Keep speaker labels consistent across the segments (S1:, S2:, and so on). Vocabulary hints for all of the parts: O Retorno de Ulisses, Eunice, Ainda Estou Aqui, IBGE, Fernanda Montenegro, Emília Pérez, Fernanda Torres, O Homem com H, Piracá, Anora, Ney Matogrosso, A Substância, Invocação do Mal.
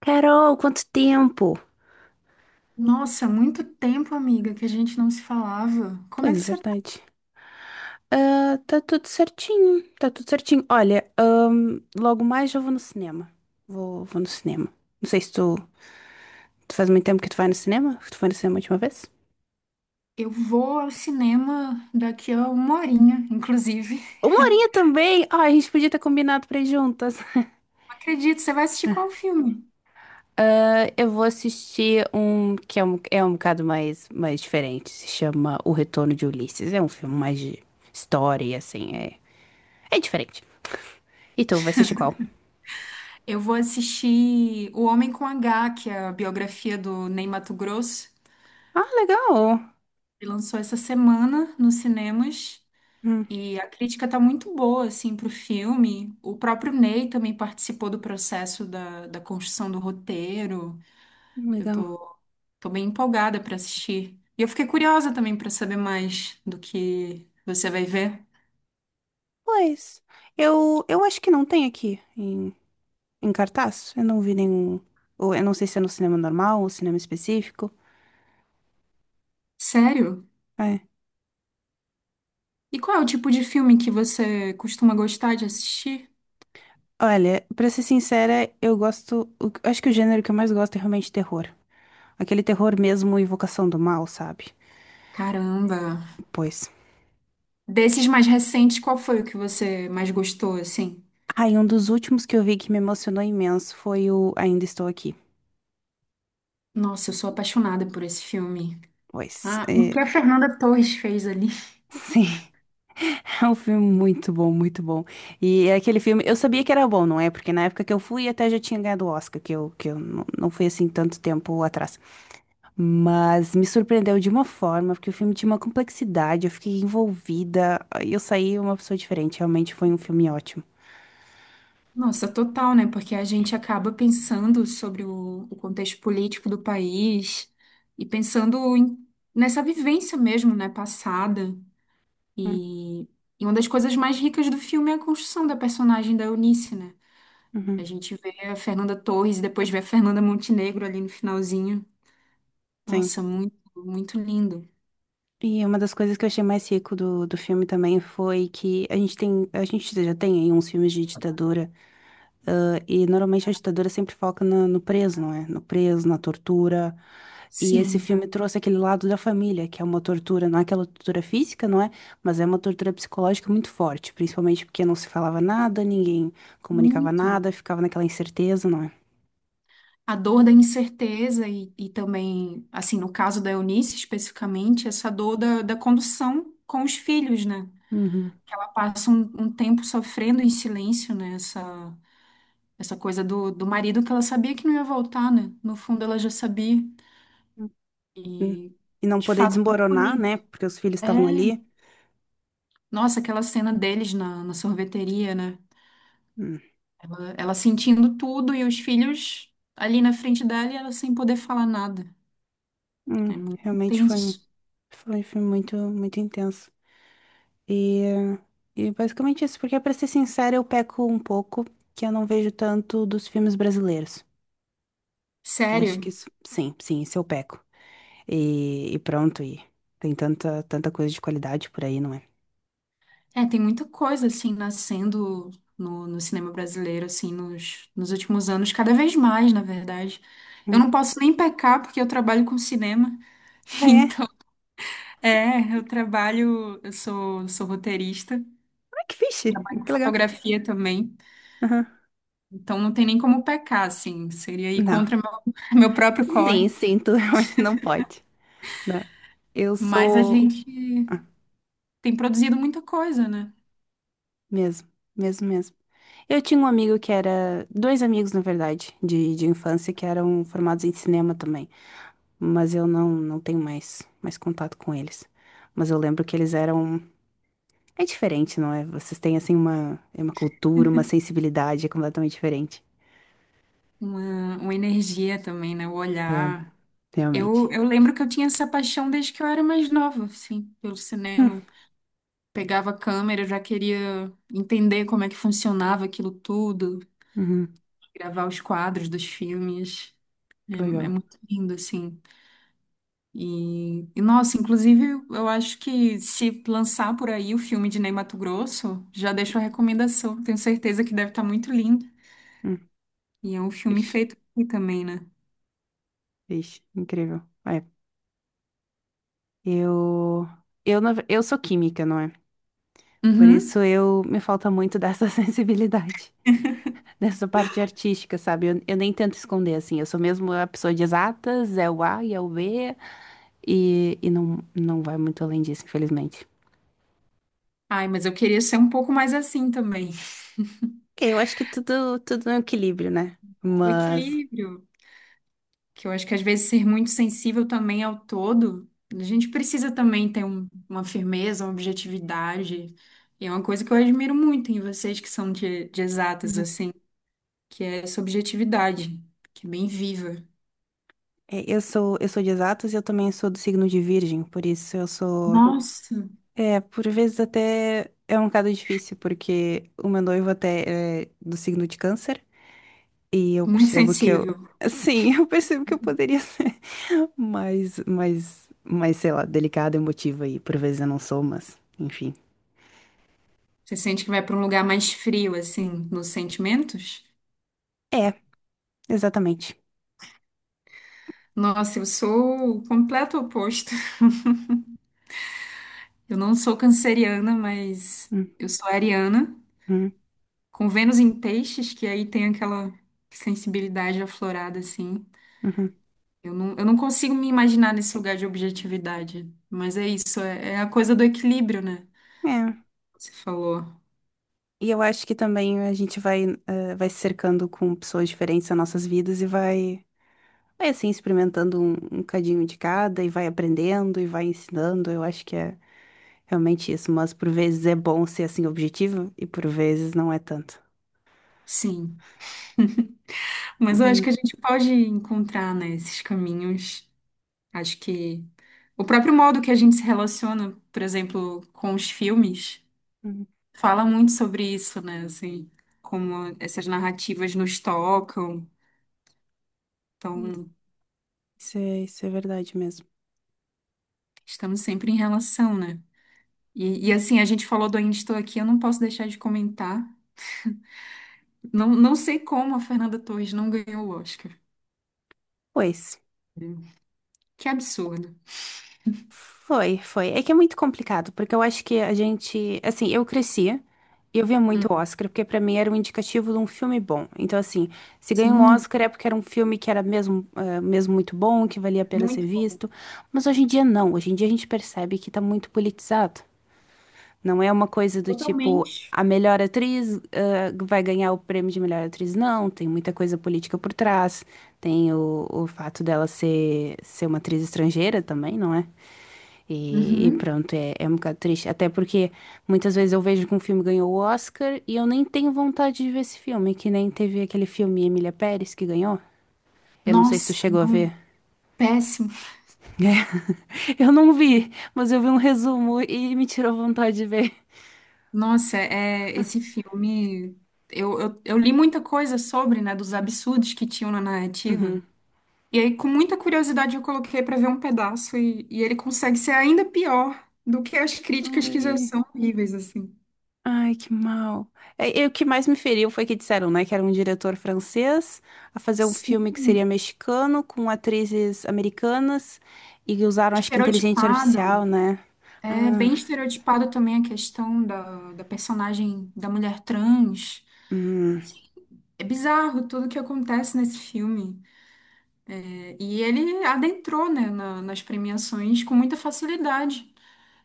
S1: Carol, quanto tempo?
S2: Nossa, muito tempo, amiga, que a gente não se falava. Como é
S1: Pois
S2: que
S1: é,
S2: você tá?
S1: verdade. Ah, tá tudo certinho, tá tudo certinho. Olha, logo mais eu vou no cinema. Vou no cinema. Não sei se tu, tu faz muito tempo que tu vai no cinema. Tu foi no cinema a última vez?
S2: Eu vou ao cinema daqui a uma horinha, inclusive.
S1: Uma horinha também! Ah, a gente podia ter combinado pra ir juntas.
S2: Não acredito, você vai assistir qual filme?
S1: Ah, eu vou assistir um que é é um bocado mais diferente. Se chama O Retorno de Ulisses. É um filme mais de história, e assim, é diferente. E tu vai assistir qual?
S2: Eu vou assistir O Homem com H, que é a biografia do Ney Matogrosso.
S1: Ah, legal!
S2: Ele lançou essa semana nos cinemas e a crítica tá muito boa, assim, pro filme. O próprio Ney também participou do processo da construção do roteiro. Eu
S1: Legal.
S2: tô Tô bem empolgada pra assistir. E eu fiquei curiosa também pra saber mais do que você vai ver.
S1: Pois, eu acho que não tem aqui em cartaz. Eu não vi nenhum. Ou eu não sei se é no cinema normal ou cinema específico.
S2: Sério?
S1: É.
S2: E qual é o tipo de filme que você costuma gostar de assistir?
S1: Olha, pra ser sincera, eu gosto. Acho que o gênero que eu mais gosto é realmente terror. Aquele terror mesmo, evocação do mal, sabe?
S2: Caramba.
S1: Pois.
S2: Desses mais recentes, qual foi o que você mais gostou, assim?
S1: Ah, e um dos últimos que eu vi que me emocionou imenso foi o Ainda Estou Aqui.
S2: Nossa, eu sou apaixonada por esse filme.
S1: Pois,
S2: Ah, o
S1: é,
S2: que a Fernanda Torres fez ali?
S1: sim. É um filme muito bom, muito bom. E é aquele filme, eu sabia que era bom, não é? Porque na época que eu fui até já tinha ganhado o Oscar, que eu, não fui assim tanto tempo atrás. Mas me surpreendeu de uma forma, porque o filme tinha uma complexidade, eu fiquei envolvida, e eu saí uma pessoa diferente. Realmente foi um filme ótimo.
S2: Nossa, total, né? Porque a gente acaba pensando sobre o contexto político do país e nessa vivência mesmo, né, passada.
S1: Hum,
S2: E, e uma das coisas mais ricas do filme é a construção da personagem da Eunice, né? A
S1: uhum,
S2: gente vê a Fernanda Torres e depois vê a Fernanda Montenegro ali no finalzinho.
S1: sim.
S2: Nossa, muito, muito lindo.
S1: E uma das coisas que eu achei mais rico do filme também foi que a gente tem, a gente já tem aí uns filmes de ditadura. Ah, e normalmente a ditadura sempre foca no preso, não é? No preso, na tortura. E esse
S2: Sim,
S1: filme trouxe aquele lado da família, que é uma tortura, não é aquela tortura física, não é? Mas é uma tortura psicológica muito forte, principalmente porque não se falava nada, ninguém comunicava
S2: muito.
S1: nada, ficava naquela incerteza, não é?
S2: A dor da incerteza e também, assim, no caso da Eunice especificamente, essa dor da condução com os filhos, né?
S1: Uhum.
S2: Que ela passa um tempo sofrendo em silêncio, né? Essa coisa do marido que ela sabia que não ia voltar, né? No fundo, ela já sabia.
S1: Hum.
S2: E,
S1: E não
S2: de
S1: poder
S2: fato, muito
S1: desmoronar,
S2: bonito.
S1: né? Porque os filhos estavam ali.
S2: É. Nossa, aquela cena deles na sorveteria, né?
S1: Hum.
S2: Ela sentindo tudo e os filhos ali na frente dela e ela sem poder falar nada. É muito
S1: Realmente
S2: intenso.
S1: foi um filme muito, muito intenso. E, e basicamente isso, porque pra ser sincera, eu peco um pouco que eu não vejo tanto dos filmes brasileiros. Que eu acho que
S2: Sério.
S1: isso, sim, sim, isso eu peco. E pronto, e tem tanta, tanta coisa de qualidade por aí, não é?
S2: É, tem muita coisa, assim, nascendo no cinema brasileiro, assim, nos últimos anos, cada vez mais, na verdade. Eu
S1: Hum.
S2: não posso nem pecar porque eu trabalho com cinema.
S1: Ah, é?
S2: Então, é, eu trabalho, sou roteirista,
S1: Ah, que fixe!
S2: trabalho com
S1: Que legal.
S2: fotografia também.
S1: Aham.
S2: Então não tem nem como pecar, assim. Seria ir
S1: Não.
S2: contra meu, meu próprio
S1: Sim,
S2: corre.
S1: sim, tu realmente não pode. Não. Eu
S2: Mas a
S1: sou.
S2: gente
S1: Ah,
S2: tem produzido muita coisa, né?
S1: mesmo, mesmo, mesmo. Eu tinha um amigo que era. Dois amigos, na verdade, de infância, que eram formados em cinema também. Mas eu não tenho mais contato com eles. Mas eu lembro que eles eram. É diferente, não é? Vocês têm, assim, é uma cultura, uma sensibilidade é completamente diferente.
S2: Uma energia também, né? O
S1: É,
S2: olhar.
S1: realmente.
S2: Eu lembro que eu tinha essa paixão desde que eu era mais nova, assim, pelo
S1: Hum,
S2: cinema. Pegava a câmera, eu já queria entender como é que funcionava aquilo tudo,
S1: uhum,
S2: gravar os quadros dos filmes. É,
S1: que
S2: é
S1: legal.
S2: muito lindo, assim. Nossa, inclusive, eu acho que se lançar por aí o filme de Ney Matogrosso, já deixo a recomendação. Tenho certeza que deve estar muito lindo.
S1: Hum,
S2: E é um filme
S1: vixe,
S2: feito aqui também, né?
S1: vixe, incrível. É, eu, eu sou química, não é? Por
S2: Uhum.
S1: isso eu me falta muito dessa sensibilidade, dessa parte artística, sabe? Eu nem tento esconder, assim. Eu sou mesmo a pessoa de exatas, é o A e é o B. E, e não, não vai muito além disso, infelizmente.
S2: Ai, mas eu queria ser um pouco mais assim também.
S1: Ok, eu acho que tudo, tudo é um equilíbrio, né?
S2: O
S1: Mas
S2: equilíbrio, que eu acho que às vezes ser muito sensível também ao todo, a gente precisa também ter uma firmeza, uma objetividade. E é uma coisa que eu admiro muito em vocês que são de exatas,
S1: uhum.
S2: assim, que é essa objetividade, que é bem viva.
S1: É, eu sou de exatas e eu também sou do signo de Virgem, por isso eu sou.
S2: Nossa,
S1: É, por vezes até é um bocado difícil, porque o meu noivo até é do signo de Câncer e eu
S2: muito
S1: percebo que eu.
S2: sensível.
S1: Sim, eu percebo que eu poderia ser mais, sei lá, delicada, emotiva e por vezes eu não sou, mas enfim.
S2: Você sente que vai para um lugar mais frio, assim, nos sentimentos?
S1: É, exatamente.
S2: Nossa, eu sou o completo oposto. Eu não sou canceriana, mas
S1: Hum,
S2: eu sou ariana,
S1: hum,
S2: com Vênus em peixes, que aí tem aquela sensibilidade aflorada, assim.
S1: uhum.
S2: Eu não consigo me imaginar nesse lugar de objetividade. Mas é isso, é a coisa do equilíbrio, né?
S1: É.
S2: Você falou.
S1: E eu acho que também a gente vai, vai se cercando com pessoas diferentes nas nossas vidas e vai assim, experimentando um cadinho de cada e vai aprendendo e vai ensinando. Eu acho que é realmente isso. Mas por vezes é bom ser assim objetivo e por vezes não é tanto.
S2: Sim. Mas eu acho
S1: Uhum.
S2: que a gente pode encontrar, né, esses caminhos. Acho que o próprio modo que a gente se relaciona, por exemplo, com os filmes,
S1: Uhum.
S2: fala muito sobre isso, né? Assim, como essas narrativas nos tocam. Então,
S1: Isso é verdade mesmo.
S2: estamos sempre em relação, né? Assim, a gente falou do Ainda Estou Aqui, eu não posso deixar de comentar. Não sei como a Fernanda Torres não ganhou o Oscar.
S1: Pois.
S2: Que absurdo.
S1: Foi, foi. É que é muito complicado, porque eu acho que a gente, assim, eu cresci e eu via muito
S2: Hum.
S1: Oscar, porque pra mim era um indicativo de um filme bom. Então, assim, se ganha um
S2: Sim,
S1: Oscar é porque era um filme que era mesmo, mesmo muito bom, que valia a pena ser
S2: muito bom.
S1: visto. Mas hoje em dia não. Hoje em dia a gente percebe que tá muito politizado. Não é uma coisa do tipo,
S2: Totalmente.
S1: a melhor atriz, ah, vai ganhar o prêmio de melhor atriz. Não, tem muita coisa política por trás. Tem o fato dela ser, ser uma atriz estrangeira também, não é? E
S2: Uhum.
S1: pronto, é, é um bocado triste. Até porque muitas vezes eu vejo que um filme ganhou o Oscar e eu nem tenho vontade de ver esse filme, que nem teve aquele filme Emília Pérez que ganhou. Eu não sei se tu
S2: Nossa,
S1: chegou a
S2: não.
S1: ver.
S2: Péssimo.
S1: Eu não vi, mas eu vi um resumo e me tirou vontade de ver.
S2: Nossa, é, esse filme. Eu li muita coisa sobre, né, dos absurdos que tinham na narrativa.
S1: Uhum.
S2: E aí, com muita curiosidade, eu coloquei pra ver um pedaço e ele consegue ser ainda pior do que as críticas que já
S1: Ui.
S2: são horríveis, assim.
S1: Ai, que mal. É, e o que mais me feriu foi que disseram, né, que era um diretor francês a fazer um filme que seria
S2: Sim,
S1: mexicano com atrizes americanas e usaram, acho que, inteligência artificial,
S2: estereotipado.
S1: né?
S2: É
S1: Ah,
S2: bem estereotipado também a questão da personagem da mulher trans.
S1: hum,
S2: É bizarro tudo que acontece nesse filme. É, e ele adentrou, né, nas premiações com muita facilidade.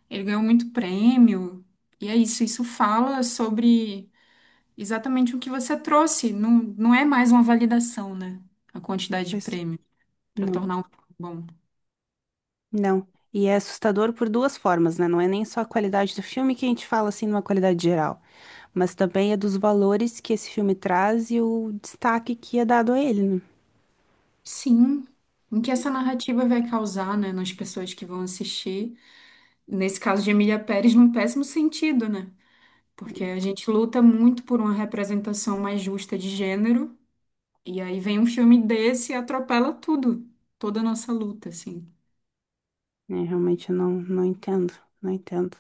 S2: Ele ganhou muito prêmio. E é isso, isso fala sobre exatamente o que você trouxe. Não, não é mais uma validação, né? A quantidade de
S1: pois
S2: prêmio para
S1: não,
S2: tornar um filme bom.
S1: não. E é assustador por duas formas, né? Não é nem só a qualidade do filme que a gente fala assim numa qualidade geral, mas também é dos valores que esse filme traz e o destaque que é dado a ele, né?
S2: Sim. O que essa narrativa vai causar, né, nas pessoas que vão assistir? Nesse caso de Emília Pérez, num péssimo sentido, né? Porque a gente luta muito por uma representação mais justa de gênero, e aí vem um filme desse e atropela tudo, toda a nossa luta, assim.
S1: É, realmente eu não, não entendo, não entendo.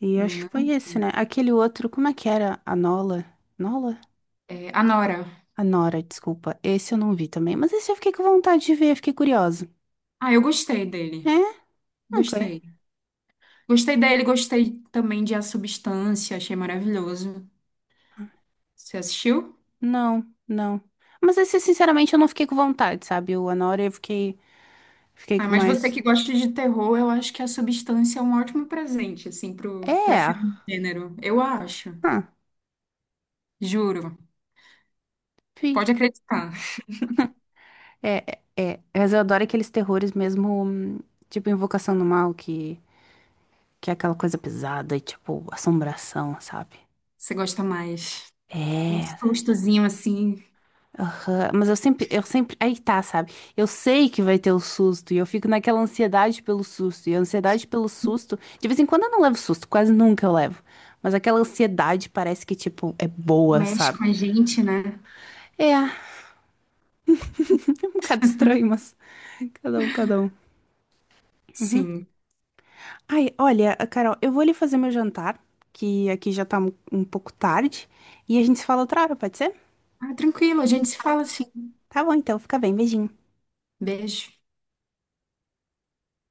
S1: E
S2: Também,
S1: acho
S2: né?
S1: que foi esse, né? Aquele outro, como é que era? A Nola? Nola?
S2: É, Anora.
S1: A Nora, desculpa. Esse eu não vi também. Mas esse eu fiquei com vontade de ver, fiquei curiosa.
S2: Ah, eu gostei dele.
S1: É? Ok.
S2: Gostei. Gostei dele, gostei também de A Substância, achei maravilhoso. Você assistiu?
S1: Não, não. Mas esse, sinceramente, eu não fiquei com vontade, sabe? O Anora eu fiquei, fiquei
S2: Ah,
S1: com
S2: mas você
S1: mais.
S2: que gosta de terror, eu acho que A Substância é um ótimo presente, assim, pra
S1: É.
S2: filme de gênero. Eu acho.
S1: Hã,
S2: Juro.
S1: fi.
S2: Pode acreditar.
S1: É, é, é. Mas eu adoro aqueles terrores mesmo, tipo Invocação do Mal, que é aquela coisa pesada e tipo assombração, sabe?
S2: Você gosta mais. Um
S1: É.
S2: sustozinho, assim,
S1: Aham, mas eu sempre, aí tá, sabe? Eu sei que vai ter o susto e eu fico naquela ansiedade pelo susto. E a ansiedade pelo susto, de vez em quando eu não levo susto, quase nunca eu levo. Mas aquela ansiedade parece que, tipo, é boa,
S2: mexe
S1: sabe?
S2: com a gente, né?
S1: É, é um bocado estranho, mas cada um, cada um. Uhum.
S2: Sim.
S1: Ai, olha, Carol, eu vou ali fazer meu jantar, que aqui já tá um pouco tarde, e a gente se fala outra hora, pode ser?
S2: Ah, tranquilo, a gente se fala assim.
S1: Tá bom, então, fica bem, beijinho.
S2: Beijo.